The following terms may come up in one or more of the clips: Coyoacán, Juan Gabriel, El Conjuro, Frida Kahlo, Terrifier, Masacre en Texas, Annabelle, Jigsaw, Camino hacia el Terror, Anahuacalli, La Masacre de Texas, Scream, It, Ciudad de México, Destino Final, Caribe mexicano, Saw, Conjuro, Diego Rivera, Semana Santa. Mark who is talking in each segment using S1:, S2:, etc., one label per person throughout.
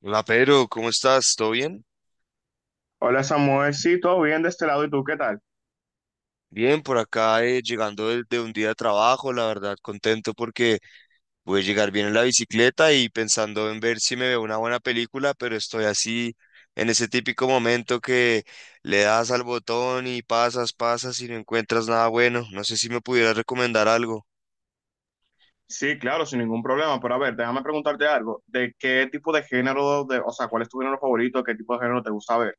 S1: Hola, Pedro, ¿cómo estás? ¿Todo bien?
S2: Hola Samuel, sí, todo bien de este lado, ¿y tú qué tal?
S1: Bien, por acá llegando de un día de trabajo, la verdad contento porque voy a llegar bien en la bicicleta y pensando en ver si me veo una buena película, pero estoy así en ese típico momento que le das al botón y pasas, pasas y no encuentras nada bueno. No sé si me pudieras recomendar algo.
S2: Sí, claro, sin ningún problema. Pero a ver, déjame preguntarte algo. ¿De qué tipo de género, o sea, cuál es tu género favorito? ¿Qué tipo de género te gusta ver?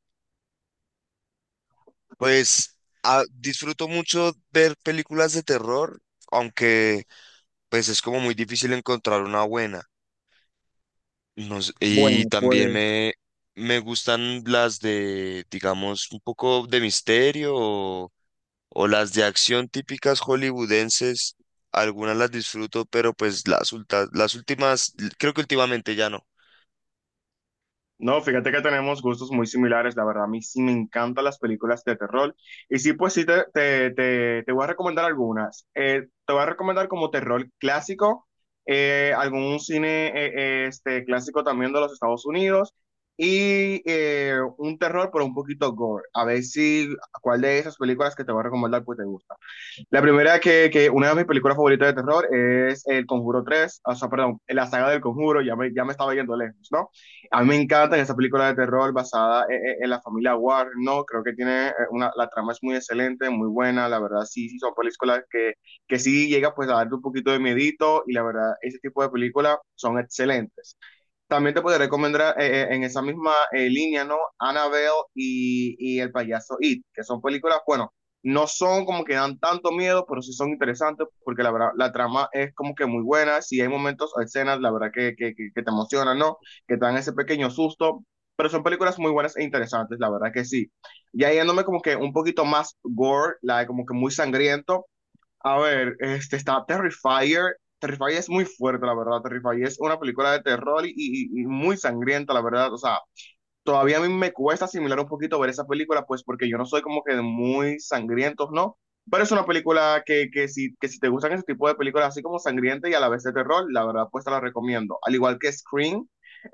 S1: Pues disfruto mucho ver películas de terror, aunque pues es como muy difícil encontrar una buena. No sé, y
S2: Bueno,
S1: también
S2: pues.
S1: me gustan las de, digamos, un poco de misterio o las de acción típicas hollywoodenses. Algunas las disfruto, pero pues las últimas, creo que últimamente ya no.
S2: No, fíjate que tenemos gustos muy similares, la verdad, a mí sí me encantan las películas de terror. Y sí, pues sí, te voy a recomendar algunas. Te voy a recomendar como terror clásico, algún cine clásico también de los Estados Unidos, y un terror, pero un poquito gore. A ver si cuál de esas películas que te voy a recomendar pues te gusta. La primera que, una de mis películas favoritas de terror, es El Conjuro 3. O sea, perdón, la saga del Conjuro, ya me estaba yendo lejos, ¿no? A mí me encantan esa película de terror basada en la familia Warren, ¿no? Creo que tiene la trama es muy excelente, muy buena, la verdad sí, sí son películas que sí llega pues a darte un poquito de miedito, y la verdad ese tipo de películas son excelentes. También te podría recomendar en esa misma línea, ¿no? Annabelle y El Payaso It, que son películas, bueno, no son como que dan tanto miedo, pero sí son interesantes porque la verdad, la trama es como que muy buena. Si hay momentos o escenas, la verdad, que te emocionan, ¿no? Que te dan ese pequeño susto, pero son películas muy buenas e interesantes, la verdad que sí. Ya yéndome como que un poquito más gore, como que muy sangriento. A ver, este está Terrifier. Terrifier es muy fuerte, la verdad. Terrifier es una película de terror y muy sangrienta, la verdad. O sea, todavía a mí me cuesta asimilar un poquito ver esa película, pues porque yo no soy como que de muy sangrientos, ¿no? Pero es una película que si te gustan ese tipo de películas así como sangrienta y a la vez de terror, la verdad pues te la recomiendo. Al igual que Scream.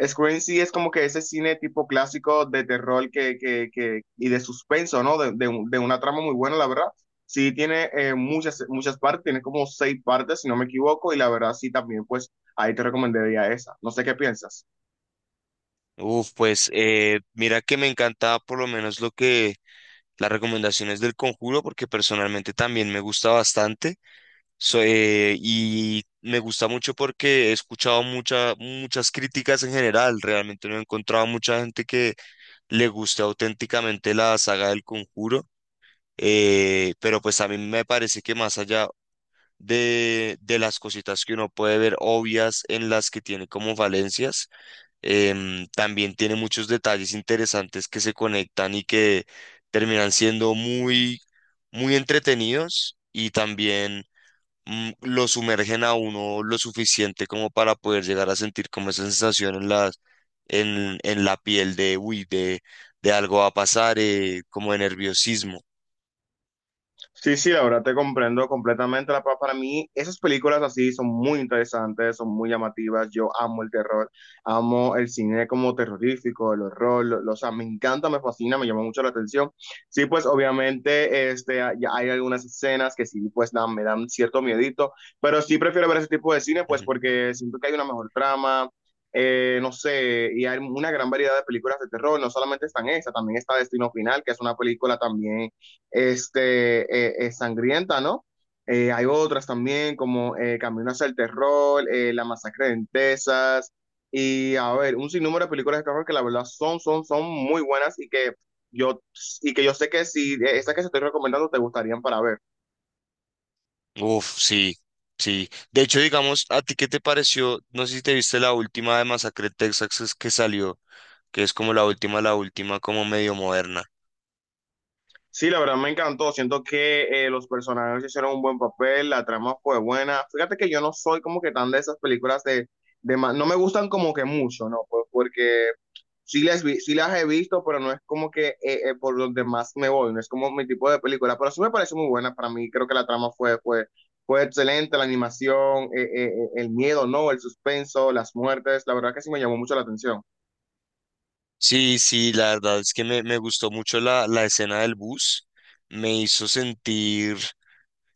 S2: Scream sí es como que ese cine tipo clásico de terror y de suspenso, ¿no? De una trama muy buena, la verdad. Sí tiene muchas partes, tiene como seis partes, si no me equivoco, y la verdad sí, también pues ahí te recomendaría esa. No sé qué piensas.
S1: Uf, pues mira que me encanta por lo menos lo que las recomendaciones del Conjuro, porque personalmente también me gusta bastante. Y me gusta mucho porque he escuchado muchas críticas en general. Realmente no he encontrado mucha gente que le guste auténticamente la saga del Conjuro. Pero pues a mí me parece que más allá de las cositas que uno puede ver obvias en las que tiene como falencias, también tiene muchos detalles interesantes que se conectan y que terminan siendo muy, muy entretenidos y también lo sumergen a uno lo suficiente como para poder llegar a sentir como esa sensación en la piel uy, de algo va a pasar, como de nerviosismo.
S2: Sí, sí, la verdad te comprendo completamente. Para mí, esas películas así son muy interesantes, son muy llamativas. Yo amo el terror, amo el cine como terrorífico, el horror, o sea, me encanta, me fascina, me llama mucho la atención. Sí, pues obviamente ya hay algunas escenas que sí, pues me dan cierto miedito, pero sí prefiero ver ese tipo de cine, pues
S1: Ujú.
S2: porque siento que hay una mejor trama. No sé, y hay una gran variedad de películas de terror, no solamente están esa, también está Destino Final, que es una película también sangrienta, ¿no? Hay otras también como Camino hacia el Terror, La Masacre de Texas, y a ver, un sinnúmero de películas de terror que la verdad son, son muy buenas, y yo, que yo sé que si estas que se estoy recomendando te gustarían para ver.
S1: Uf, sí, sí. De hecho, digamos, ¿a ti qué te pareció? No sé si te viste la última de Masacre en Texas que salió, que es como la última, como medio moderna.
S2: Sí, la verdad me encantó. Siento que los personajes hicieron un buen papel, la trama fue buena. Fíjate que yo no soy como que tan de esas películas no me gustan como que mucho, ¿no? Pues porque sí las he visto, pero no es como que por donde más me voy, no es como mi tipo de película, pero sí me parece muy buena. Para mí, creo que la trama fue excelente, la animación, el miedo, ¿no? El suspenso, las muertes, la verdad que sí me llamó mucho la atención.
S1: Sí, sí, la verdad es que me gustó mucho la escena del bus. Me hizo sentir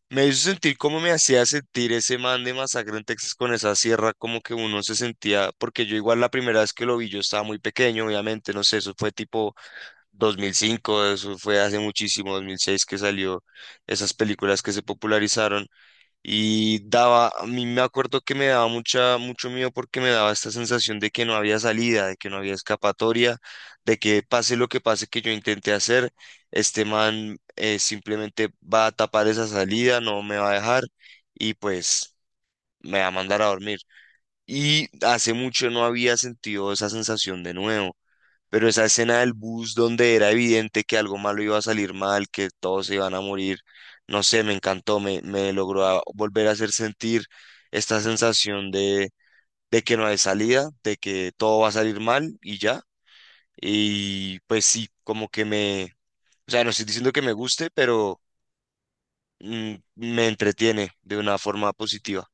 S1: Me hizo sentir como me hacía sentir ese man de Masacre en Texas con esa sierra, como que uno se sentía, porque yo igual la primera vez que lo vi, yo estaba muy pequeño, obviamente, no sé, eso fue tipo 2005. Eso fue hace muchísimo, 2006 que salió esas películas que se popularizaron. Y a mí me acuerdo que me daba mucho miedo porque me daba esta sensación de que no había salida, de que no había escapatoria, de que pase lo que pase que yo intenté hacer, este man simplemente va a tapar esa salida, no me va a dejar y pues me va a mandar a dormir. Y hace mucho no había sentido esa sensación de nuevo, pero esa escena del bus donde era evidente que algo malo iba a salir mal, que todos se iban a morir, no sé, me encantó, me logró volver a hacer sentir esta sensación de que no hay salida, de que todo va a salir mal y ya. Y pues sí, o sea, no estoy diciendo que me guste, pero me entretiene de una forma positiva.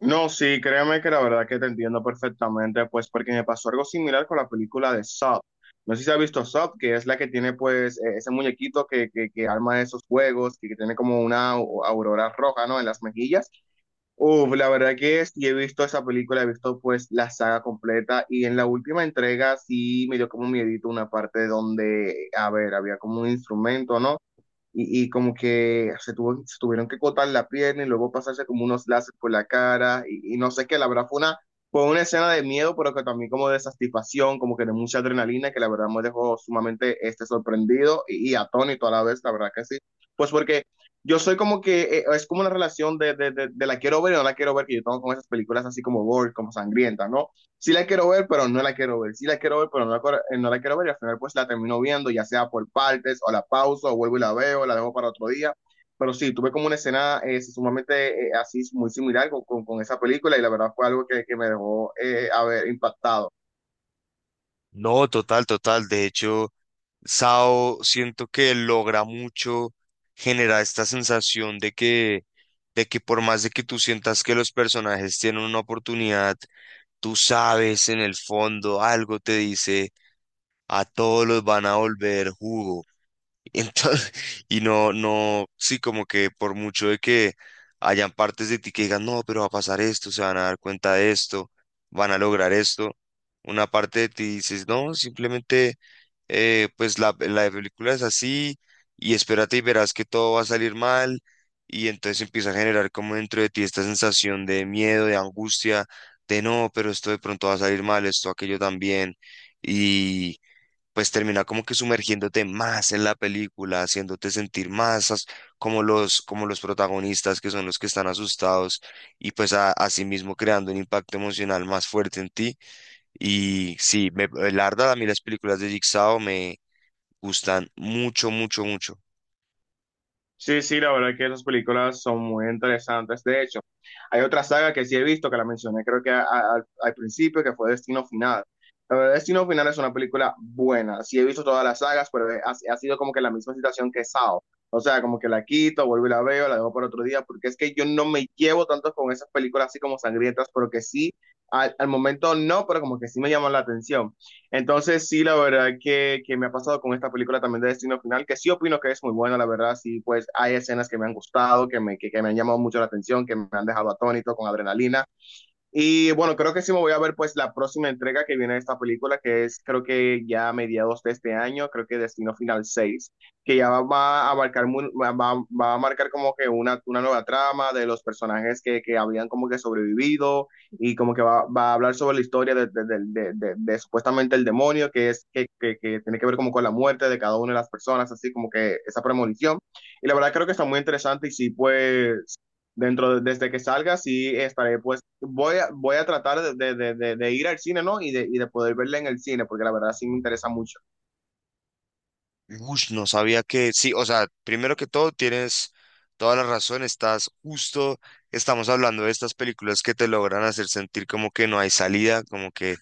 S2: No, sí, créeme que la verdad que te entiendo perfectamente, pues porque me pasó algo similar con la película de Saw. No sé si has visto Saw, que es la que tiene pues ese muñequito que arma esos juegos, que tiene como una aurora roja, ¿no?, en las mejillas. Uf, la verdad que sí he visto esa película, he visto pues la saga completa, y en la última entrega sí me dio como miedito una parte donde, a ver, había como un instrumento, ¿no?, y como que se tuvieron que cortar la pierna y luego pasarse como unos láser por la cara y no sé qué. La verdad fue una escena de miedo, pero que también como de satisfacción, como que de mucha adrenalina, que la verdad me dejó sumamente sorprendido y atónito a la vez, la verdad que sí, pues porque... Yo soy como que, es como una relación de la quiero ver y no la quiero ver, que yo tengo con esas películas así como gore, como sangrientas, ¿no? Sí la quiero ver, pero no la quiero ver, sí la quiero ver, pero no la quiero ver, y al final pues la termino viendo, ya sea por partes, o la pauso, o vuelvo y la veo, la dejo para otro día. Pero sí, tuve como una escena sumamente así, muy similar esa película, y la verdad fue algo que me dejó haber impactado.
S1: No, total, total. De hecho, Sao siento que logra mucho generar esta sensación de que por más de que tú sientas que los personajes tienen una oportunidad, tú sabes en el fondo algo te dice, a todos los van a volver jugo. Entonces, y no, no, sí, como que por mucho de que hayan partes de ti que digan, no, pero va a pasar esto, se van a dar cuenta de esto, van a lograr esto, una parte de ti dices, no, simplemente, pues la película es así y espérate y verás que todo va a salir mal y entonces empieza a generar como dentro de ti esta sensación de miedo, de angustia, de no, pero esto de pronto va a salir mal, esto, aquello también. Y pues termina como que sumergiéndote más en la película, haciéndote sentir más como los protagonistas que son los que están asustados y pues así mismo creando un impacto emocional más fuerte en ti. Y sí, la verdad a mí las películas de Jigsaw me gustan mucho, mucho, mucho.
S2: Sí, sí, la verdad que esas películas son muy interesantes. De hecho, hay otra saga que sí he visto, que la mencioné creo que al principio, que fue Destino Final. La verdad, Destino Final es una película buena. Sí he visto todas las sagas, pero ha sido como que la misma situación que Sao. O sea, como que la quito, vuelvo y la veo, la dejo para otro día, porque es que yo no me llevo tanto con esas películas así como sangrientas, pero que sí, al momento no, pero como que sí me llaman la atención. Entonces, sí, la verdad que me ha pasado con esta película también de Destino Final, que sí opino que es muy buena, la verdad. Sí, pues hay escenas que me han gustado, que me han llamado mucho la atención, que me han dejado atónito, con adrenalina, y bueno, creo que sí me voy a ver pues la próxima entrega que viene de esta película, que es creo que ya a mediados de este año. Creo que Destino Final 6, que ya va a marcar como que una nueva trama de los personajes que habían como que sobrevivido, y como que va a hablar sobre la historia de supuestamente el demonio, que es que, tiene que ver como con la muerte de cada una de las personas, así como que esa premonición. Y la verdad creo que está muy interesante, y sí, pues desde que salga, sí estaré, pues voy a tratar de ir al cine, ¿no? Y de poder verla en el cine, porque la verdad sí me interesa mucho.
S1: Ush, no sabía que, sí, o sea, primero que todo tienes toda la razón, estás justo, estamos hablando de estas películas que te logran hacer sentir como que no hay salida, como que.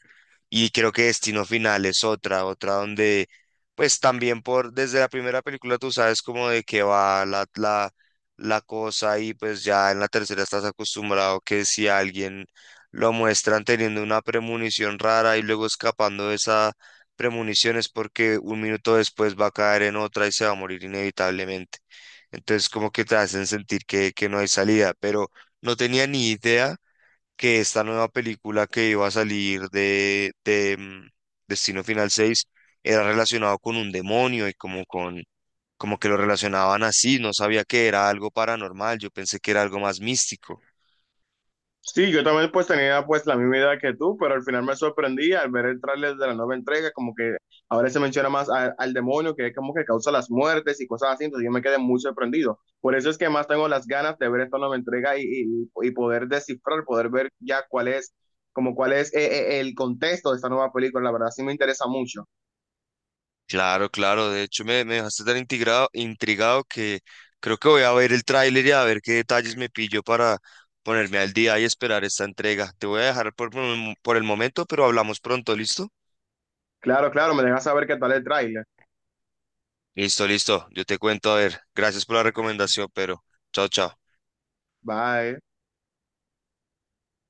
S1: Y creo que Destino Final es otra donde, pues también por, desde la primera película tú sabes como de qué va la cosa y pues ya en la tercera estás acostumbrado que si a alguien lo muestran teniendo una premonición rara y luego escapando de esa premonición es porque un minuto después va a caer en otra y se va a morir inevitablemente. Entonces como que te hacen sentir que no hay salida, pero no tenía ni idea que esta nueva película que iba a salir de Destino Final 6 era relacionado con un demonio y como como que lo relacionaban así, no sabía que era algo paranormal, yo pensé que era algo más místico.
S2: Sí, yo también pues tenía pues la misma idea que tú, pero al final me sorprendí al ver el tráiler de la nueva entrega, como que ahora se menciona más al demonio, que es como que causa las muertes y cosas así. Entonces yo me quedé muy sorprendido. Por eso es que más tengo las ganas de ver esta nueva entrega y poder descifrar, poder ver ya como cuál es el contexto de esta nueva película. La verdad sí me interesa mucho.
S1: Claro, claro, de hecho me dejaste tan intrigado, intrigado que creo que voy a ver el tráiler y a ver qué detalles me pillo para ponerme al día y esperar esta entrega. Te voy a dejar por el momento, pero hablamos pronto, ¿listo?
S2: Claro, claro, me dejas saber qué tal el tráiler.
S1: Listo, listo. Yo te cuento, a ver. Gracias por la recomendación, pero chao, chao.
S2: Bye.